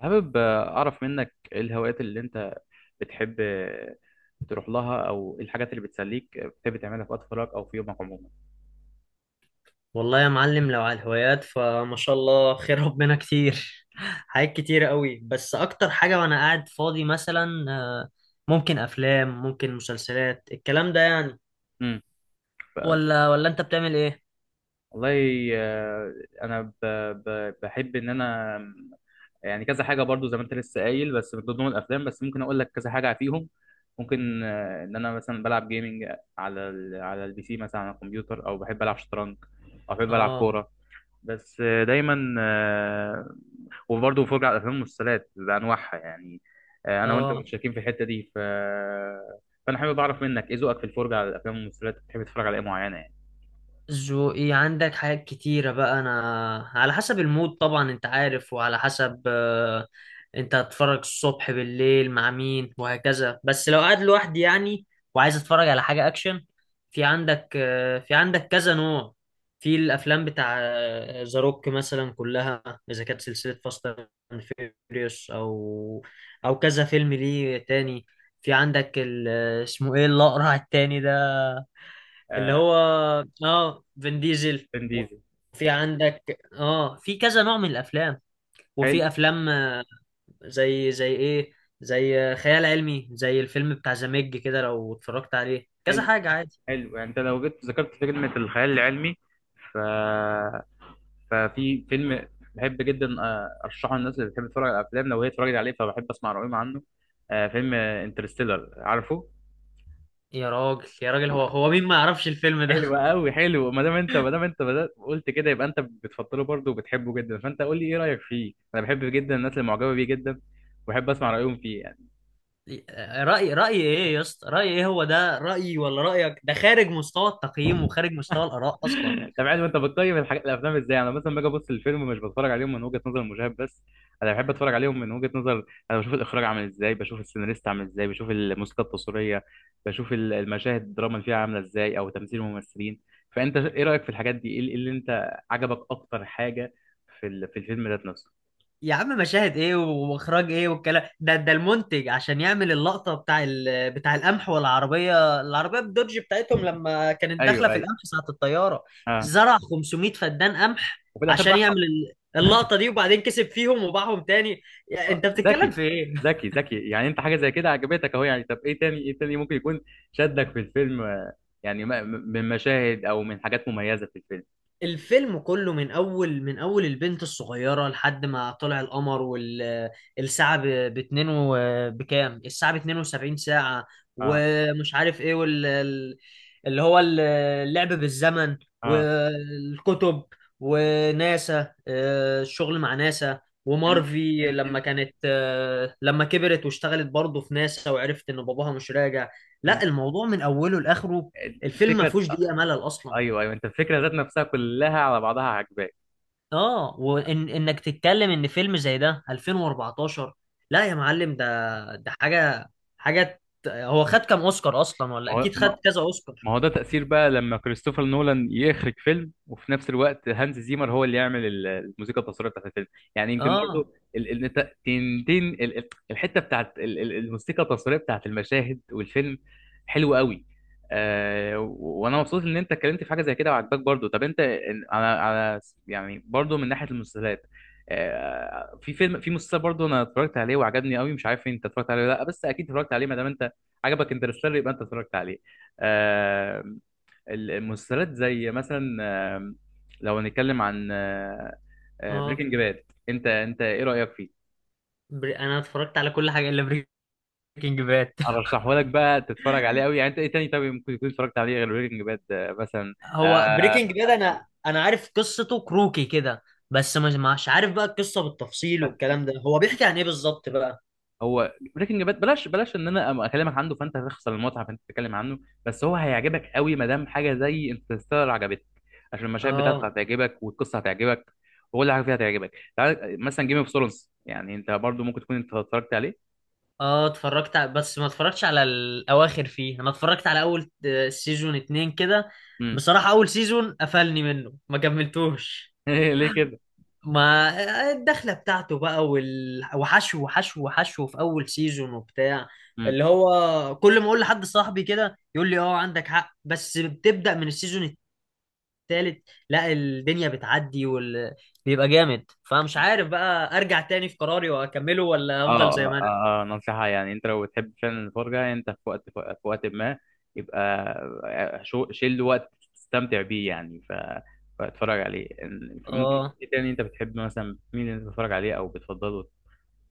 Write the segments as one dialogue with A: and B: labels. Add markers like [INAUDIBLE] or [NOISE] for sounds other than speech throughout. A: حابب أعرف منك إيه الهوايات اللي أنت بتحب تروح لها، أو إيه الحاجات اللي بتسليك بتحب تعملها في وقت فراغك أو في يومك عموما؟
B: والله يا معلم، لو على الهوايات فما شاء الله، خير ربنا كتير. [LAUGHS] حاجات كتير قوي. بس اكتر حاجة وانا قاعد فاضي مثلا، ممكن افلام، ممكن مسلسلات، الكلام ده يعني.
A: امم.
B: ولا انت بتعمل ايه؟
A: والله، أنا بحب إن أنا يعني كذا حاجة برضو زي ما أنت لسه قايل، بس من ضمن الأفلام بس ممكن أقول لك كذا حاجة فيهم. ممكن إن أنا مثلا بلعب جيمنج على البي سي، مثلا على الكمبيوتر، أو بحب ألعب شطرنج أو بحب ألعب
B: اه.
A: كورة. بس دايما وبرضه بفرج على الافلام والمسلسلات بانواعها يعني. انا وانت
B: اه،
A: متشاركين في الحته دي، فانا حابب اعرف منك ايه ذوقك في الفرجه على الافلام والمسلسلات. بتحب تتفرج على ايه معينه يعني؟
B: ذوقي عندك حاجات كتيرة بقى. أنا على حسب المود طبعا، أنت عارف، وعلى حسب أنت هتتفرج الصبح بالليل مع مين وهكذا. بس لو قاعد لوحدي يعني وعايز أتفرج على حاجة أكشن، في عندك في عندك كذا نوع في الأفلام، بتاع ذا روك مثلا كلها، إذا كانت سلسلة فاست أند فيوريوس، أو كذا فيلم ليه تاني. في عندك اسمه إيه الأقرع التاني ده؟ اللي
A: آه،
B: هو اه فين ديزل.
A: فين ديزل.
B: وفي عندك اه في كذا نوع من الافلام،
A: حلو،
B: وفي افلام زي زي ايه، زي خيال علمي، زي الفيلم بتاع ذا ميج كده. لو اتفرجت عليه كذا
A: حلو،
B: حاجة عادي.
A: حلو. يعني انت لو جيت ذكرت كلمه الخيال العلمي، ف ففي فيلم بحب جدا ارشحه للناس اللي بتحب تتفرج على الافلام. لو هي اتفرجت عليه فبحب اسمع رايهم عنه. فيلم انترستيلر، عارفه؟
B: يا راجل يا راجل، هو مين ما يعرفش الفيلم ده؟
A: حلو قوي. حلو، ما دام انت بدأت قلت كده يبقى انت بتفضله برضه وبتحبه جدا، فانت قول لي ايه رايك فيه. انا بحب جدا الناس اللي معجبه بيه جدا، وبحب اسمع رايهم فيه يعني.
B: [LAUGHS] رأي ايه يا اسطى؟ رأي ايه؟ هو ده رأيي ولا رأيك؟ ده خارج مستوى التقييم وخارج مستوى الآراء اصلا.
A: [LAUGHS] طب عادي، انت بتقيم الحاجات، الافلام، ازاي؟ انا مثلا باجي ابص الفيلم، مش بتفرج عليهم من وجهه نظر المشاهد بس، انا بحب اتفرج عليهم من وجهه نظر. انا بشوف الاخراج عامل ازاي، بشوف السيناريست عامل ازاي، بشوف الموسيقى التصويريه، بشوف المشاهد، الدراما اللي فيها عامله ازاي، او تمثيل الممثلين. فانت ايه رايك في الحاجات دي؟ ايه اللي إيه اللي انت عجبك اكتر حاجه في الفيلم ذات نفسه؟
B: يا عم، مشاهد ايه واخراج ايه والكلام ده المنتج عشان يعمل اللقطه بتاع القمح، والعربيه الدوج بتاعتهم لما كانت داخله في
A: ايوه،
B: القمح ساعه الطياره،
A: اه،
B: زرع 500 فدان قمح
A: وفي الاخر
B: عشان يعمل
A: بعهم.
B: اللقطه دي، وبعدين كسب فيهم وباعهم تاني. يا انت بتتكلم
A: ذكي،
B: في ايه؟
A: ذكي، ذكي. يعني انت حاجه زي كده عجبتك اهو يعني. طب ايه تاني، ايه تاني ممكن يكون شدك في الفيلم، يعني من مشاهد او من حاجات مميزه في الفيلم؟
B: الفيلم كله من اول، من اول البنت الصغيره لحد ما طلع القمر، والساعه ب اتنين بكام الساعه ب 72 ساعه
A: اه،
B: ومش عارف ايه، وال ال- اللي هو ال- اللعب بالزمن،
A: اه.
B: والكتب، وناسا. الشغل مع ناسا.
A: ان
B: ومارفي
A: ان ان
B: لما كانت لما كبرت واشتغلت برضه في ناسا وعرفت ان باباها مش راجع.
A: مم.
B: لا، الموضوع من اوله لاخره، الفيلم ما
A: الفكره
B: فيهوش
A: آه،
B: دقيقه ملل اصلا.
A: ايوه، ايوه، انت الفكره ذات نفسها كلها على بعضها عجباك.
B: اه، وان انك تتكلم ان فيلم زي ده 2014؟ لا يا معلم، ده حاجه، هو خد كام اوسكار اصلا؟
A: ما
B: ولا
A: هو
B: اكيد خد كذا اوسكار.
A: ما هو ده تأثير بقى لما كريستوفر نولان يخرج فيلم، وفي نفس الوقت هانز زيمر هو اللي يعمل الموسيقى التصويرية بتاعت الفيلم. يعني يمكن
B: اه.
A: برضو ال ال الت- تن تن ال ال الحتة بتاعت ال ال الموسيقى التصويرية بتاعت المشاهد والفيلم حلوة قوي. وانا مبسوط ان انت اتكلمت في حاجة زي كده وعجباك برضو. طب انت، إن- على على يعني برضو من ناحية المسلسلات، في مسلسل برضو انا اتفرجت عليه وعجبني قوي. مش عارف انت اتفرجت عليه ولا لا، بس اكيد اتفرجت عليه ما دام انت عجبك انترستيلر يبقى انت اتفرجت عليه. آه، المسلسلات زي مثلا، لو هنتكلم عن
B: اه.
A: بريكنج باد، انت ايه رأيك فيه؟
B: انا اتفرجت على كل حاجه الا بريكنج باد. [LAUGHS]
A: ارشحه لك بقى تتفرج عليه قوي يعني. انت ايه تاني طب ممكن تكون اتفرجت عليه غير بريكنج باد، مثلا؟
B: هو
A: آه
B: بريكنج باد، انا عارف قصته كروكي كده. بس مش عارف بقى القصه بالتفصيل
A: طب
B: والكلام ده. هو بيحكي عن ايه بالظبط بقى؟
A: هو بريكنج باد، بلاش، بلاش ان انا اكلمك عنه فانت هتخسر المتعه، فانت تتكلم عنه. بس هو هيعجبك قوي ما دام حاجه زي انترستيلر عجبتك، عشان المشاهد بتاعته
B: اه.
A: هتعجبك والقصه هتعجبك وكل حاجه فيها هتعجبك. تعال مثلا جيم اوف ثرونز، يعني انت برضو ممكن تكون انت اتفرجت عليه.
B: اه. بس ما اتفرجتش على الاواخر فيه، انا اتفرجت على اول سيزون اتنين كده.
A: امم.
B: بصراحة اول سيزون قفلني منه ما كملتوش.
A: [LAUGHS] ليه كده؟
B: ما الدخلة بتاعته بقى وحشو وحشو وحشو في اول سيزون وبتاع،
A: امم.
B: اللي هو كل ما اقول لحد صاحبي كده يقول لي اه عندك حق بس بتبدأ من السيزون التالت، لا الدنيا بتعدي بيبقى جامد، فمش عارف بقى ارجع تاني في قراري واكمله ولا افضل
A: اه،
B: زي ما
A: اه،
B: انا.
A: نصيحة. يعني انت لو بتحب فعلا الفرجة، انت في وقت ما يبقى، شيل وقت تستمتع بيه يعني، فاتفرج عليه. ممكن يكون
B: اه.
A: في تاني انت بتحب، مثلا مين اللي انت بتتفرج عليه او بتفضله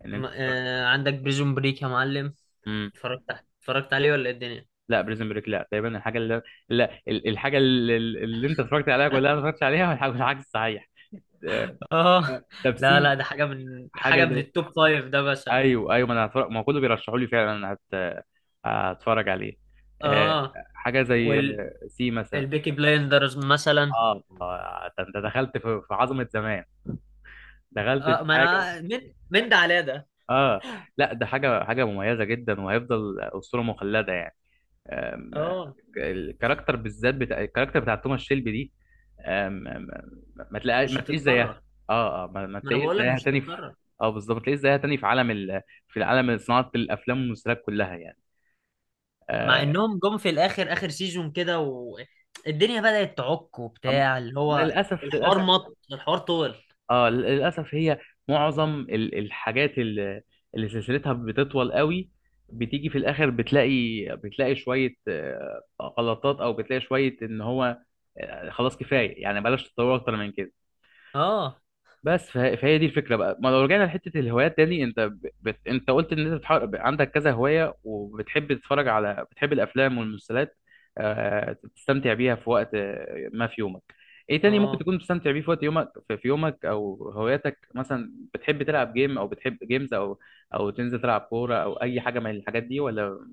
A: ان انت تتفرج؟
B: عندك بريزون بريك يا معلم؟
A: امم
B: اتفرجت اتفرجت عليه ولا إيه الدنيا؟
A: لا، بريزن بريك، لا، تقريبا الحاجة اللي، لا، اللي انت اتفرجت عليها كلها ما اتفرجتش عليها، والحاجة العكس صحيح. آه،
B: اه.
A: طب
B: [LAUGHS] لا لا،
A: سي،
B: ده حاجه، من
A: حاجة
B: حاجه من
A: زي،
B: التوب فايف ده مثلا.
A: ايوه، ايوه، ما انا هتفرج، ما هو كله بيرشحوا لي فعلا. انا هتفرج عليه. آه،
B: اه،
A: حاجه زي
B: والبيكي
A: سي مثلا.
B: بلايندرز مثلا.
A: اه، ده انت دخلت في عظمه زمان، دخلت
B: اه،
A: في
B: ما
A: حاجه.
B: انا من ده على ده.
A: اه، لا، ده حاجه مميزه جدا وهيفضل اسطوره مخلده يعني. آم،
B: اه،
A: الكاركتر بالذات، بتاع الكاركتر بتاع توماس شيلبي دي. آم، آم، ما تلاقي
B: مش
A: ما تلاقيش زيها.
B: هتتكرر.
A: اه، اه، ما
B: ما انا
A: تلاقيش
B: بقول لك
A: زيها
B: مش
A: تاني في.
B: هتتكرر.
A: اه بالظبط، ما تلاقيش زيها تاني في العالم، صناعه الافلام والمسلسلات كلها يعني.
B: مع
A: آه،
B: انهم جم في الاخر، اخر سيزون كده والدنيا بدأت تعك
A: أم-
B: وبتاع، اللي هو
A: للأسف، للأسف.
B: الحوار طول.
A: اه للأسف، هي معظم الحاجات اللي سلسلتها بتطول قوي، بتيجي في الآخر بتلاقي شوية غلطات، أو بتلاقي شوية إن هو خلاص كفاية يعني، بلاش تطور أكتر من كده.
B: اه.
A: بس فهي دي الفكره بقى. ما لو رجعنا لحته الهوايات تاني، انت قلت ان انت عندك كذا هوايه، وبتحب تتفرج على، بتحب الافلام والمسلسلات. تستمتع بيها في وقت، ما في يومك. ايه تاني ممكن
B: اه.
A: تكون بتستمتع بيه في وقت يومك، في يومك، او هواياتك، مثلا بتحب تلعب جيم او بتحب جيمز، او تنزل تلعب كوره، او اي حاجه من الحاجات دي، ولا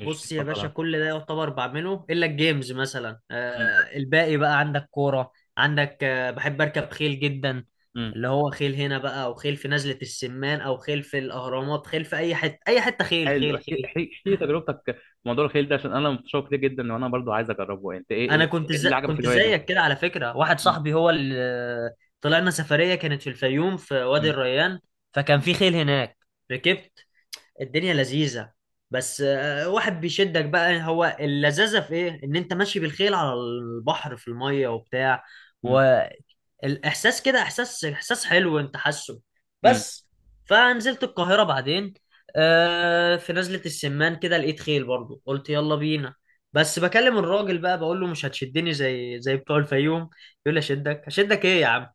A: مش
B: بص يا باشا،
A: بتفضلها؟
B: كل ده يعتبر بعمله الا الجيمز مثلا.
A: امم.
B: آه، الباقي بقى عندك كوره، عندك آه، بحب اركب خيل جدا،
A: امم.
B: اللي هو خيل هنا بقى او خيل في نزله السمان او خيل في الاهرامات، خيل في اي حته، اي حته، خيل
A: حلو،
B: خيل
A: احكي،
B: خيل.
A: احكي، احكي تجربتك في موضوع الخيل ده، عشان انا متشوق ليه جدا وانا برضو عايز اجربه. انت ايه،
B: انا
A: ايه إيه اللي عجبك في
B: كنت
A: الهوايه دي؟
B: زيك كده على فكره. واحد صاحبي هو اللي طلعنا سفريه، كانت في الفيوم في وادي
A: مم.
B: الريان، فكان
A: مم.
B: في خيل هناك. ركبت، الدنيا لذيذة. بس واحد بيشدك بقى. هو اللذاذة في ايه؟ ان انت ماشي بالخيل على البحر في المية وبتاع،
A: مم.
B: والاحساس كده احساس، احساس حلو انت حاسه
A: مم.
B: بس. فنزلت القاهرة بعدين، في نزلة السمان كده لقيت خيل برضو، قلت يلا بينا. بس بكلم الراجل بقى، بقول له مش هتشدني زي بتوع الفيوم. يقول لي: اشدك اشدك ايه يا عم،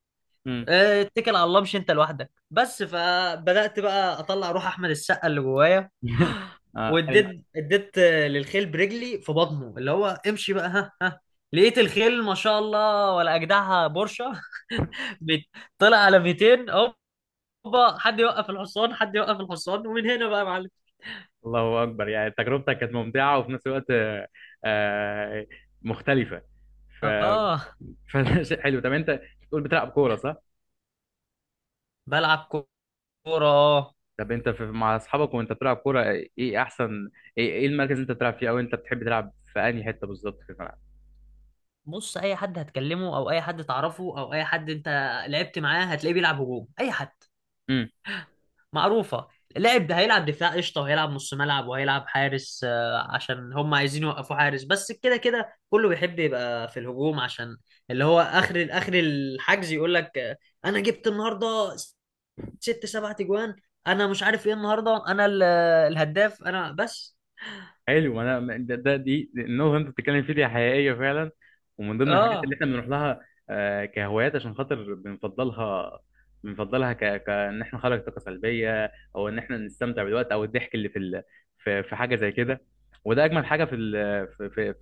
A: مم.
B: اتكل على الله مش انت لوحدك بس. فبدأت بقى اطلع روح احمد السقا اللي جوايا.
A: [LAUGHS] آه، حلو.
B: واديت للخيل برجلي في بطنه، اللي هو امشي بقى ها ها. لقيت الخيل ما شاء الله ولا اجدعها بورشه. [LAUGHS] بت- طلع على 200. هوبا، حد يوقف الحصان، حد يوقف الحصان، ومن هنا بقى يا معلم.
A: الله اكبر. يعني تجربتك كانت ممتعه وفي نفس الوقت آه، مختلفه. ف
B: اه.
A: فشيء [LAUGHS] حلو. طب انت بتقول بتلعب كوره صح؟
B: بلعب كوره اه.
A: طب انت مع اصحابك وانت بتلعب كوره، ايه احسن، إيه المركز اللي انت بتلعب فيه، او انت بتحب تلعب في انهي حته بالظبط في الملعب؟
B: بص اي حد هتكلمه او اي حد تعرفه او اي حد انت لعبت معاه هتلاقيه بيلعب هجوم. اي حد معروفة. لعب هيلعب دفاع قشطة، وهيلعب نص ملعب، وهيلعب حارس، عشان هم عايزين يوقفوا حارس بس كده. كده كله بيحب يبقى في الهجوم، عشان اللي هو آخر آخر الحجز يقول لك: أنا جبت النهاردة ست سبع تجوان، أنا مش عارف إيه، النهاردة أنا الهداف أنا بس.
A: حلو، انا النقطه اللي انت بتتكلم فيها دي حقيقيه فعلا، ومن ضمن الحاجات
B: آه،
A: اللي احنا بنروح لها كهوايات، عشان خاطر بنفضلها كان احنا نخرج طاقه سلبيه، او ان احنا نستمتع بالوقت او الضحك اللي في حاجه زي كده. وده اجمل حاجه في ال... في... في... في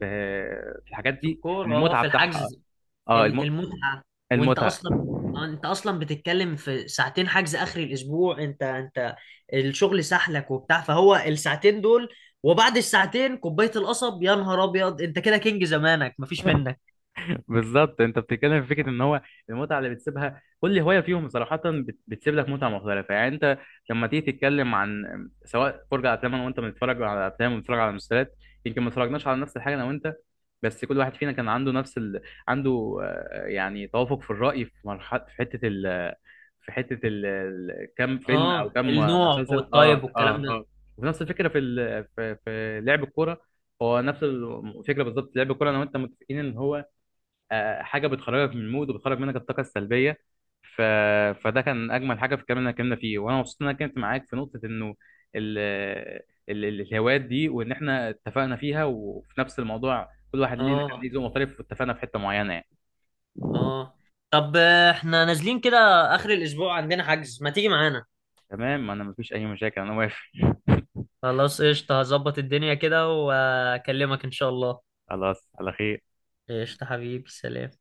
A: في الحاجات
B: في
A: دي،
B: الكورة. آه،
A: المتعه
B: في
A: بتاعها.
B: الحجز
A: اه الم...
B: المتعة. وانت
A: المتعه
B: اصلا انت اصلا بتتكلم في ساعتين حجز اخر الاسبوع. انت الشغل سحلك وبتاع، فهو الساعتين دول، وبعد الساعتين كوباية القصب، يا نهار ابيض، انت كده كينج زمانك مفيش منك.
A: بالظبط، انت بتتكلم في فكره ان هو المتعه اللي بتسيبها كل هوايه فيهم صراحه، بتسيب لك متعه مختلفه. يعني انت لما تيجي تتكلم عن سواء فرجه على افلام، انا وانت بنتفرج على افلام وبنتفرج على مسلسلات، يمكن ما اتفرجناش على نفس الحاجه انا وانت، بس كل واحد فينا كان عنده يعني توافق في الراي في مرحله، في حته ال... في حته ال... ال- كم فيلم او
B: اه،
A: كم
B: النوع
A: مسلسل. اه،
B: والطيب
A: اه،
B: والكلام ده.
A: اه. ونفس الفكره في لعب الكوره. هو نفس الفكره بالظبط لعب الكوره، انا وانت متفقين ان هو حاجه بتخرجك من المود وبتخرج منك الطاقه السلبيه. ف... فده كان اجمل حاجه في الكلام اللي أنا اتكلمنا فيه، وانا مبسوط ان انا اتكلمت معاك في نقطه انه ال... الهوايات دي، وان احنا اتفقنا فيها، وفي نفس الموضوع كل واحد ليه كان
B: اه.
A: ليه ذوق مختلف، واتفقنا في حته معينه يعني.
B: اه. طب احنا نازلين كده اخر الاسبوع عندنا حجز، ما تيجي معانا؟
A: تمام، انا مفيش اي مشاكل، انا واقف.
B: خلاص قشطة، هظبط الدنيا كده واكلمك ان شاء الله.
A: [LAUGHS] خلاص على خير.
B: قشطة حبيبي، سلام.